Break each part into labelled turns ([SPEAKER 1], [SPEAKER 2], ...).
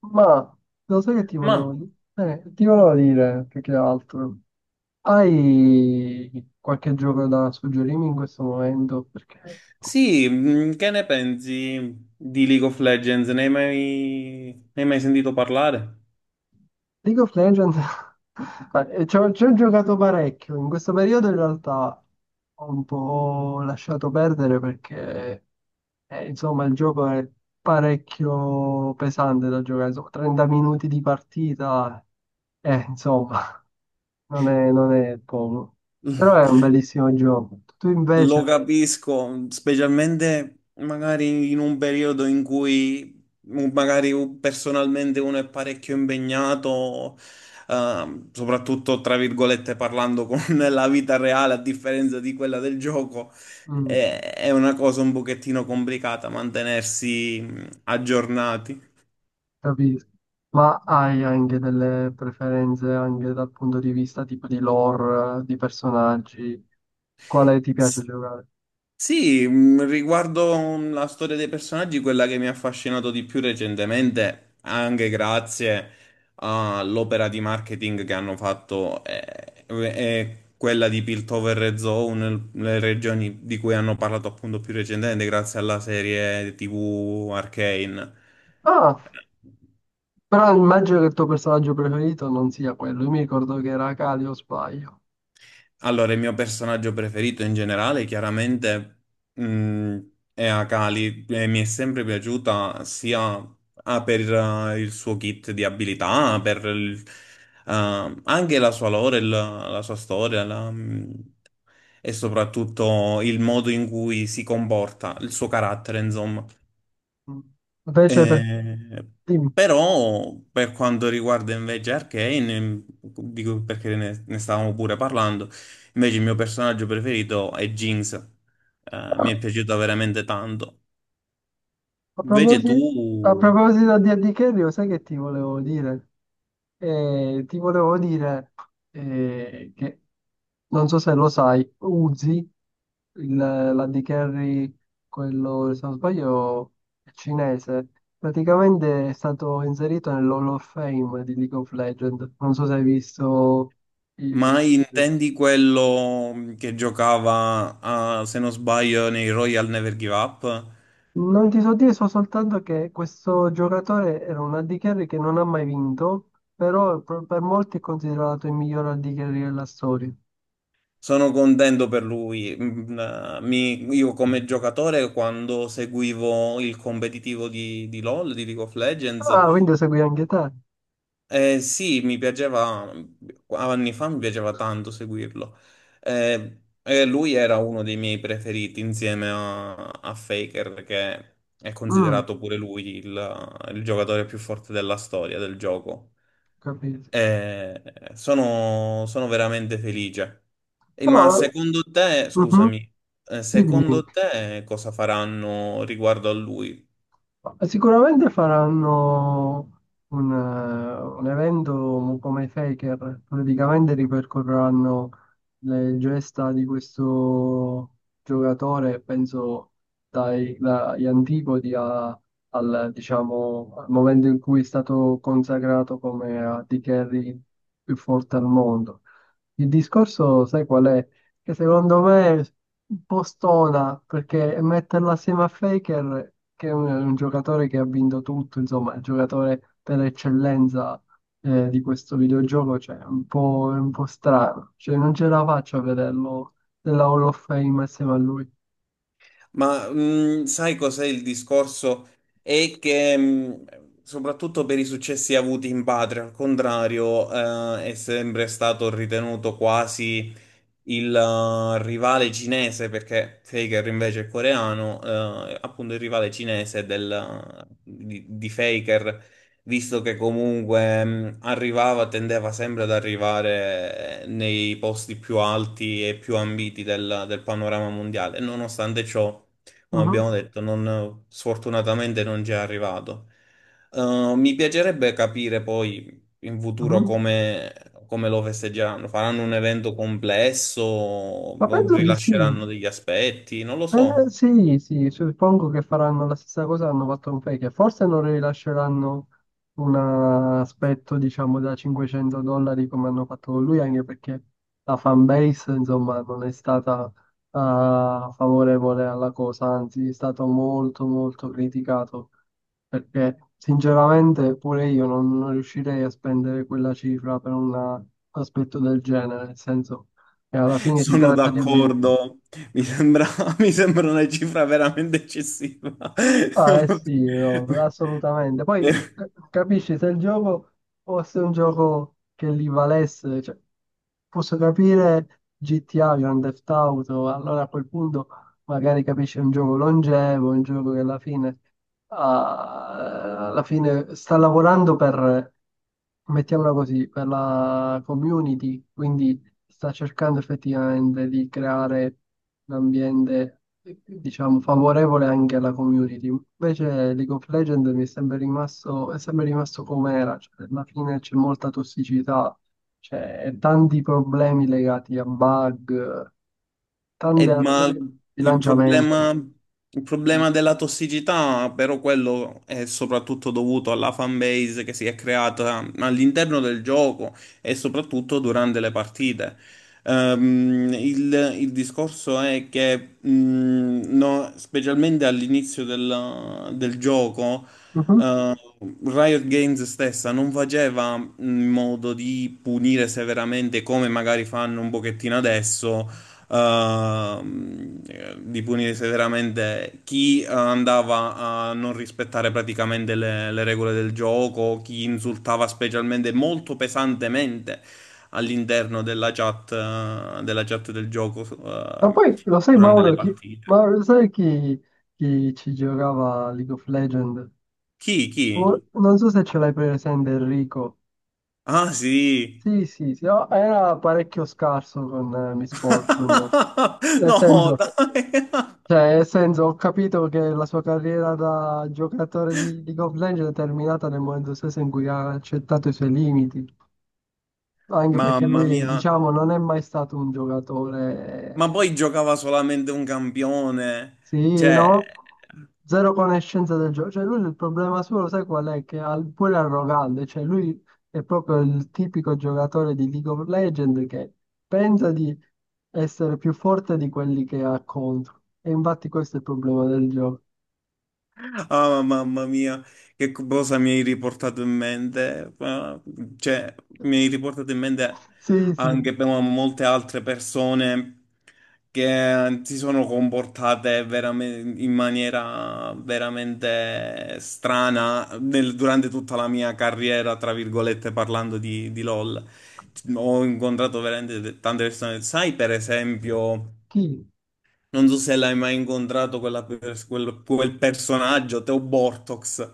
[SPEAKER 1] Ma lo sai che
[SPEAKER 2] Ma
[SPEAKER 1] ti volevo dire più che altro, hai qualche gioco da suggerirmi in questo momento? Perché
[SPEAKER 2] sì, che ne pensi di League of Legends? Ne hai mai sentito parlare?
[SPEAKER 1] League of Legends ma, ci ho giocato parecchio. In questo periodo in realtà ho un po' lasciato perdere perché insomma il gioco è parecchio pesante da giocare, insomma, 30 minuti di partita, eh, insomma. non è poco, però è un bellissimo gioco. Tu
[SPEAKER 2] Lo
[SPEAKER 1] invece,
[SPEAKER 2] capisco, specialmente magari in un periodo in cui magari personalmente uno è parecchio impegnato, soprattutto tra virgolette parlando con la vita reale a differenza di quella del gioco.
[SPEAKER 1] mm,
[SPEAKER 2] È una cosa un pochettino complicata mantenersi aggiornati.
[SPEAKER 1] capisco, ma hai anche delle preferenze anche dal punto di vista tipo di lore, di personaggi, quale ti piace giocare?
[SPEAKER 2] Sì, riguardo la storia dei personaggi, quella che mi ha affascinato di più recentemente, anche grazie all'opera di marketing che hanno fatto, è quella di Piltover e Zone, le regioni di cui hanno parlato appunto più recentemente, grazie alla serie TV Arcane.
[SPEAKER 1] Ah, però immagino che il tuo personaggio preferito non sia quello, io mi ricordo che era Kali o sbaglio.
[SPEAKER 2] Allora, il mio personaggio preferito in generale, chiaramente, mh, è Akali e mi è sempre piaciuta sia per il suo kit di abilità, anche la sua lore, la sua storia, e soprattutto il modo in cui si comporta, il suo carattere, insomma.
[SPEAKER 1] Mm. Invece per...
[SPEAKER 2] Eh,
[SPEAKER 1] dimmi.
[SPEAKER 2] Però per quanto riguarda invece Arcane, dico perché ne stavamo pure parlando, invece il mio personaggio preferito è Jinx. Mi è piaciuta veramente tanto.
[SPEAKER 1] A
[SPEAKER 2] Invece tu,
[SPEAKER 1] proposito, a proposito di Andy Carry, lo sai che ti volevo dire? Ti volevo dire che, non so se lo sai, Uzi, l'Andy Carry, quello, se non sbaglio, è cinese, praticamente è stato inserito nell'Hall of Fame di League of Legends. Non so se hai visto
[SPEAKER 2] ma
[SPEAKER 1] i-
[SPEAKER 2] intendi quello che giocava, se non sbaglio, nei Royal Never Give Up?
[SPEAKER 1] non ti so dire, so soltanto che questo giocatore era un Andy Carry che non ha mai vinto, però per molti è considerato il miglior Andy Carry della storia.
[SPEAKER 2] Sono contento per lui. Mm, io come giocatore, quando seguivo il competitivo di LoL, di League of Legends.
[SPEAKER 1] Ah, quindi lo segui anche te.
[SPEAKER 2] Sì, mi piaceva, anni fa mi piaceva tanto seguirlo. Lui era uno dei miei preferiti insieme a Faker, che è
[SPEAKER 1] Mm,
[SPEAKER 2] considerato pure lui il giocatore più forte della storia del gioco.
[SPEAKER 1] capito.
[SPEAKER 2] Eh, sono veramente felice. Ma
[SPEAKER 1] No,
[SPEAKER 2] secondo te,
[SPEAKER 1] mhm,
[SPEAKER 2] scusami,
[SPEAKER 1] dimmi, dimmi.
[SPEAKER 2] secondo te cosa faranno riguardo a lui?
[SPEAKER 1] Ma sicuramente faranno un evento come Faker, praticamente ripercorreranno le gesta di questo giocatore, penso dagli antipodi al, diciamo, al momento in cui è stato consacrato come AD carry più forte al mondo. Il discorso, sai qual è? Che secondo me è un po' stona perché metterla assieme a Faker, che è un giocatore che ha vinto tutto, insomma, è il giocatore per eccellenza di questo videogioco, cioè, è un po' strano. Cioè, non ce la faccio a vederlo nella Hall of Fame assieme a lui.
[SPEAKER 2] Ma sai cos'è il discorso? È che soprattutto per i successi avuti in patria, al contrario, è sempre stato ritenuto quasi il rivale cinese, perché Faker invece è coreano, appunto il rivale cinese di Faker, visto che comunque tendeva sempre ad arrivare nei posti più alti e più ambiti del panorama mondiale. Nonostante ciò, come
[SPEAKER 1] Mhm,
[SPEAKER 2] abbiamo detto, sfortunatamente non ci è arrivato. Mi piacerebbe capire poi in futuro
[SPEAKER 1] mhm.
[SPEAKER 2] come, come lo festeggeranno? Faranno un evento complesso?
[SPEAKER 1] Ma penso di sì.
[SPEAKER 2] Rilasceranno degli aspetti? Non lo so.
[SPEAKER 1] Sì, sì, suppongo che faranno la stessa cosa che hanno fatto con Fake. Forse non rilasceranno un aspetto, diciamo, da 500 dollari come hanno fatto con lui, anche perché la fanbase, insomma, non è stata favorevole alla cosa, anzi, è stato molto, molto criticato. Perché, sinceramente, pure io non riuscirei a spendere quella cifra per un aspetto del genere, nel senso che alla fine si
[SPEAKER 2] Sono
[SPEAKER 1] tratta di obiettivi.
[SPEAKER 2] d'accordo. Mi sembra, mi sembra una cifra veramente eccessiva.
[SPEAKER 1] Ah, eh sì, no, assolutamente. Poi capisci se il gioco fosse un gioco che li valesse, cioè, posso capire GTA, Grand Theft Auto, allora a quel punto magari capisci un gioco longevo, un gioco che alla fine, ah, alla fine sta lavorando per, mettiamola così, per la community, quindi sta cercando effettivamente di creare un ambiente, diciamo, favorevole anche alla community. Invece League of Legends mi è sempre rimasto com'era, cioè, alla fine c'è molta tossicità, c'è tanti problemi legati a bug, tante
[SPEAKER 2] Ma
[SPEAKER 1] altre bilanciamento.
[SPEAKER 2] il problema della tossicità, però quello è soprattutto dovuto alla fanbase che si è creata all'interno del gioco e soprattutto durante le partite. Il discorso è che, no, specialmente all'inizio del gioco,
[SPEAKER 1] Mhm.
[SPEAKER 2] Riot Games stessa non faceva in modo di punire severamente come magari fanno un pochettino adesso, ehm, di punire severamente chi andava a non rispettare praticamente le regole del gioco, chi insultava specialmente molto pesantemente all'interno della chat,
[SPEAKER 1] Ma poi lo sai
[SPEAKER 2] durante
[SPEAKER 1] Mauro
[SPEAKER 2] le
[SPEAKER 1] chi,
[SPEAKER 2] partite.
[SPEAKER 1] Mauro, sai chi, chi ci giocava a League of Legends?
[SPEAKER 2] Chi? Chi?
[SPEAKER 1] Oh, non so se ce l'hai presente Enrico.
[SPEAKER 2] Ah sì.
[SPEAKER 1] Sì, sì, sì, no, era parecchio scarso con Miss Fortune. Nel
[SPEAKER 2] No,
[SPEAKER 1] senso,
[SPEAKER 2] dai.
[SPEAKER 1] cioè, nel senso, ho capito che la sua carriera da giocatore di League of Legends è terminata nel momento stesso in cui ha accettato i suoi limiti, anche perché
[SPEAKER 2] Mamma
[SPEAKER 1] lui,
[SPEAKER 2] mia.
[SPEAKER 1] diciamo, non è mai stato un
[SPEAKER 2] Ma
[SPEAKER 1] giocatore.
[SPEAKER 2] poi giocava solamente un campione.
[SPEAKER 1] Sì,
[SPEAKER 2] Cioè,
[SPEAKER 1] no? Zero conoscenza del gioco. Cioè, lui il problema suo, lo sai qual è? Che è pure arrogante. Cioè, lui è proprio il tipico giocatore di League of Legends che pensa di essere più forte di quelli che ha contro. E infatti questo è il problema del gioco.
[SPEAKER 2] ah, mamma mia, che cosa mi hai riportato in mente? Ah, cioè, mi hai riportato in mente
[SPEAKER 1] Sì, sì.
[SPEAKER 2] anche per molte altre persone che si sono comportate veramente in maniera veramente strana durante tutta la mia carriera, tra virgolette, parlando di LOL. Ho incontrato veramente tante persone. Sai, per esempio.
[SPEAKER 1] Chi?
[SPEAKER 2] Non so se l'hai mai incontrato quella quel personaggio, Teo Bortox.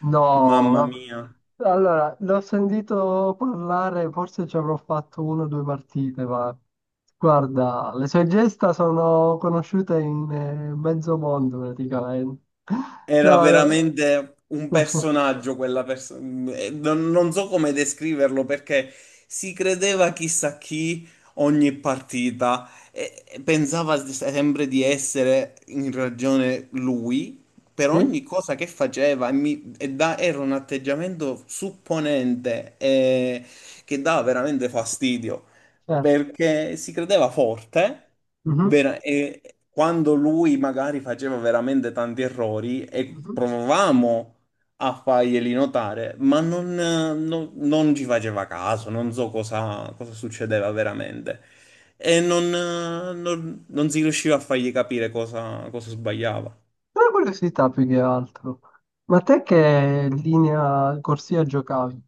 [SPEAKER 1] No,
[SPEAKER 2] Mamma
[SPEAKER 1] ma-
[SPEAKER 2] mia,
[SPEAKER 1] allora, l'ho sentito parlare, forse ci avrò fatto una o due partite, ma guarda, le sue gesta sono conosciute in mezzo mondo praticamente.
[SPEAKER 2] era
[SPEAKER 1] No,
[SPEAKER 2] veramente un
[SPEAKER 1] no.
[SPEAKER 2] personaggio quella persona. Non so come descriverlo perché si credeva chissà chi ogni partita e pensava sempre di essere in ragione lui per
[SPEAKER 1] Sì,
[SPEAKER 2] ogni cosa che faceva era un atteggiamento supponente che dava veramente fastidio.
[SPEAKER 1] certo.
[SPEAKER 2] Perché si credeva forte
[SPEAKER 1] Mhm,
[SPEAKER 2] e quando lui magari faceva veramente tanti errori e
[SPEAKER 1] mhm.
[SPEAKER 2] provavamo a farglieli notare, ma non ci faceva caso, non so cosa succedeva veramente. E non si riusciva a fargli capire cosa cosa sbagliava.
[SPEAKER 1] Una curiosità più che altro. Ma te che linea corsia giocavi?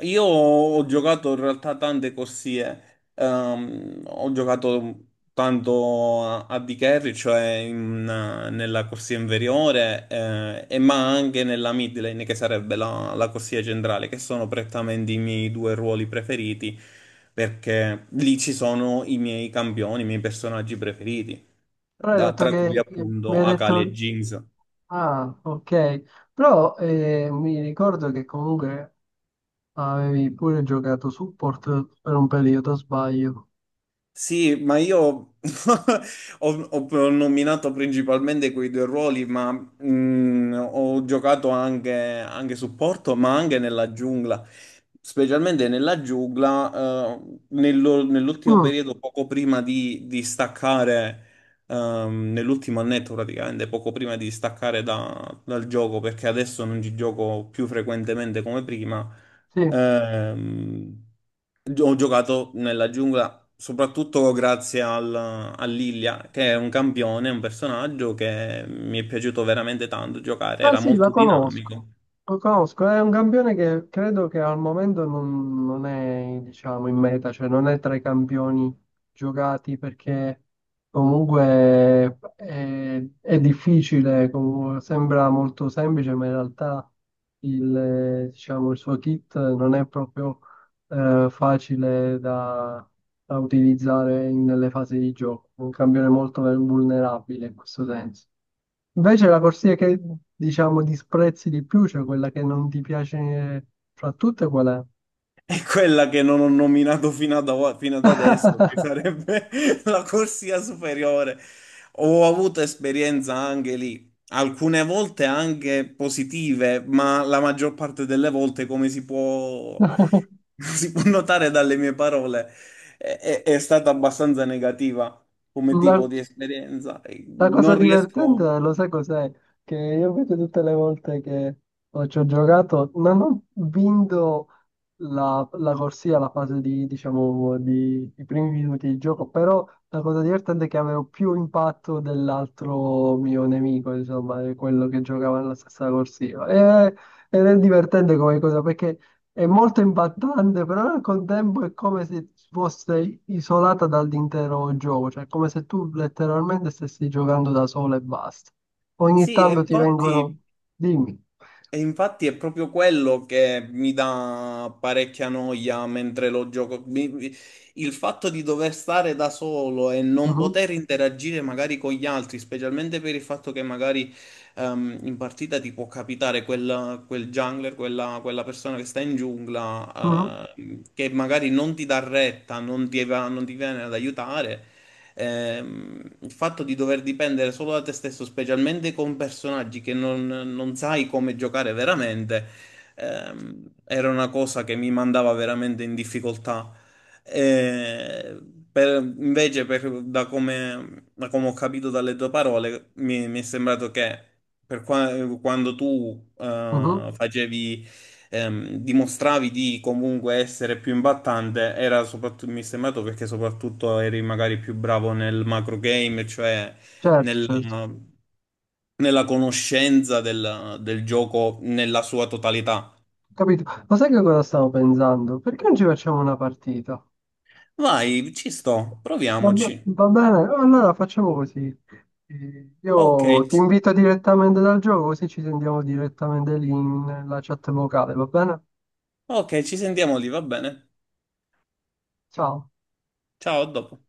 [SPEAKER 2] Io ho giocato in realtà tante corsie, ehm, ho giocato tanto a D carry, cioè nella corsia inferiore, e ma anche nella mid lane, che sarebbe la corsia centrale, che sono prettamente i miei due ruoli preferiti, perché lì ci sono i miei campioni, i miei personaggi preferiti,
[SPEAKER 1] Però hai detto
[SPEAKER 2] tra cui
[SPEAKER 1] che mi
[SPEAKER 2] appunto
[SPEAKER 1] hai
[SPEAKER 2] Akali
[SPEAKER 1] detto...
[SPEAKER 2] e Jinx.
[SPEAKER 1] Ah, ok. Però mi ricordo che comunque avevi pure giocato support per un periodo, sbaglio.
[SPEAKER 2] Sì, ma io ho nominato principalmente quei due ruoli, ma anche supporto, ma anche nella giungla. Specialmente nella giungla, nell'ultimo
[SPEAKER 1] Mm,
[SPEAKER 2] periodo, poco prima di staccare, nell'ultimo annetto praticamente, poco prima di staccare dal gioco, perché adesso non ci gioco più frequentemente come prima.
[SPEAKER 1] sì.
[SPEAKER 2] Ehm, ho giocato nella giungla soprattutto grazie a Lilia, che è un campione, un personaggio che mi è piaciuto veramente tanto giocare,
[SPEAKER 1] Ah
[SPEAKER 2] era
[SPEAKER 1] sì, la
[SPEAKER 2] molto dinamico.
[SPEAKER 1] conosco, lo conosco, è un campione che credo che al momento non è, diciamo, in meta, cioè non è tra i campioni giocati perché comunque è difficile, comunque sembra molto semplice, ma in realtà il, diciamo, il suo kit non è proprio facile da utilizzare in- nelle fasi di gioco, è un campione molto vulnerabile in questo senso. Invece la corsia che diciamo disprezzi di più, cioè quella che non ti piace fra tutte, qual è?
[SPEAKER 2] È quella che non ho nominato fino ad adesso, che sarebbe la corsia superiore. Ho avuto esperienza anche lì, alcune volte anche positive, ma la maggior parte delle volte, come si può, si può notare dalle mie parole, è stata abbastanza negativa come
[SPEAKER 1] La-
[SPEAKER 2] tipo di esperienza.
[SPEAKER 1] la cosa
[SPEAKER 2] Non riesco...
[SPEAKER 1] divertente, lo sai cos'è? Che io vedo tutte le volte che ci ho giocato, non ho vinto la corsia, la fase di, diciamo, di, i primi minuti di gioco, però la cosa divertente è che avevo più impatto dell'altro mio nemico, insomma, di quello che giocava nella stessa corsia. Ed è divertente come cosa, perché è molto impattante, però al contempo è come se fosse isolata dall'intero gioco, cioè è come se tu letteralmente stessi giocando da solo e basta. Ogni
[SPEAKER 2] Sì, e
[SPEAKER 1] tanto ti
[SPEAKER 2] infatti...
[SPEAKER 1] vengono... dimmi.
[SPEAKER 2] E infatti è proprio quello che mi dà parecchia noia mentre lo gioco. Il fatto di dover stare da solo e non
[SPEAKER 1] Mhm,
[SPEAKER 2] poter interagire magari con gli altri, specialmente per il fatto che magari in partita ti può capitare quel jungler, quella persona che sta in
[SPEAKER 1] mhm,
[SPEAKER 2] giungla, che magari non ti dà retta, non ti viene ad aiutare. Il fatto di dover dipendere solo da te stesso, specialmente con personaggi che non sai come giocare veramente, era una cosa che mi mandava veramente in difficoltà. Eh, da come, da come ho capito dalle tue parole, mi è sembrato che per qua- quando tu
[SPEAKER 1] mhm.
[SPEAKER 2] facevi dimostravi di comunque essere più imbattante, era soprattutto, mi è sembrato perché soprattutto eri magari più bravo nel macro game, cioè
[SPEAKER 1] Certo,
[SPEAKER 2] nel-
[SPEAKER 1] certo.
[SPEAKER 2] nella conoscenza del gioco nella sua totalità.
[SPEAKER 1] Capito. Ma sai che cosa stavo pensando? Perché non ci facciamo una partita?
[SPEAKER 2] Vai, ci sto,
[SPEAKER 1] Va,
[SPEAKER 2] proviamoci.
[SPEAKER 1] va bene, allora facciamo così.
[SPEAKER 2] Ok,
[SPEAKER 1] Io ti invito direttamente dal gioco, così ci sentiamo direttamente lì nella chat vocale, va bene?
[SPEAKER 2] ok, ci sentiamo lì, va bene.
[SPEAKER 1] Ciao.
[SPEAKER 2] Ciao, a dopo.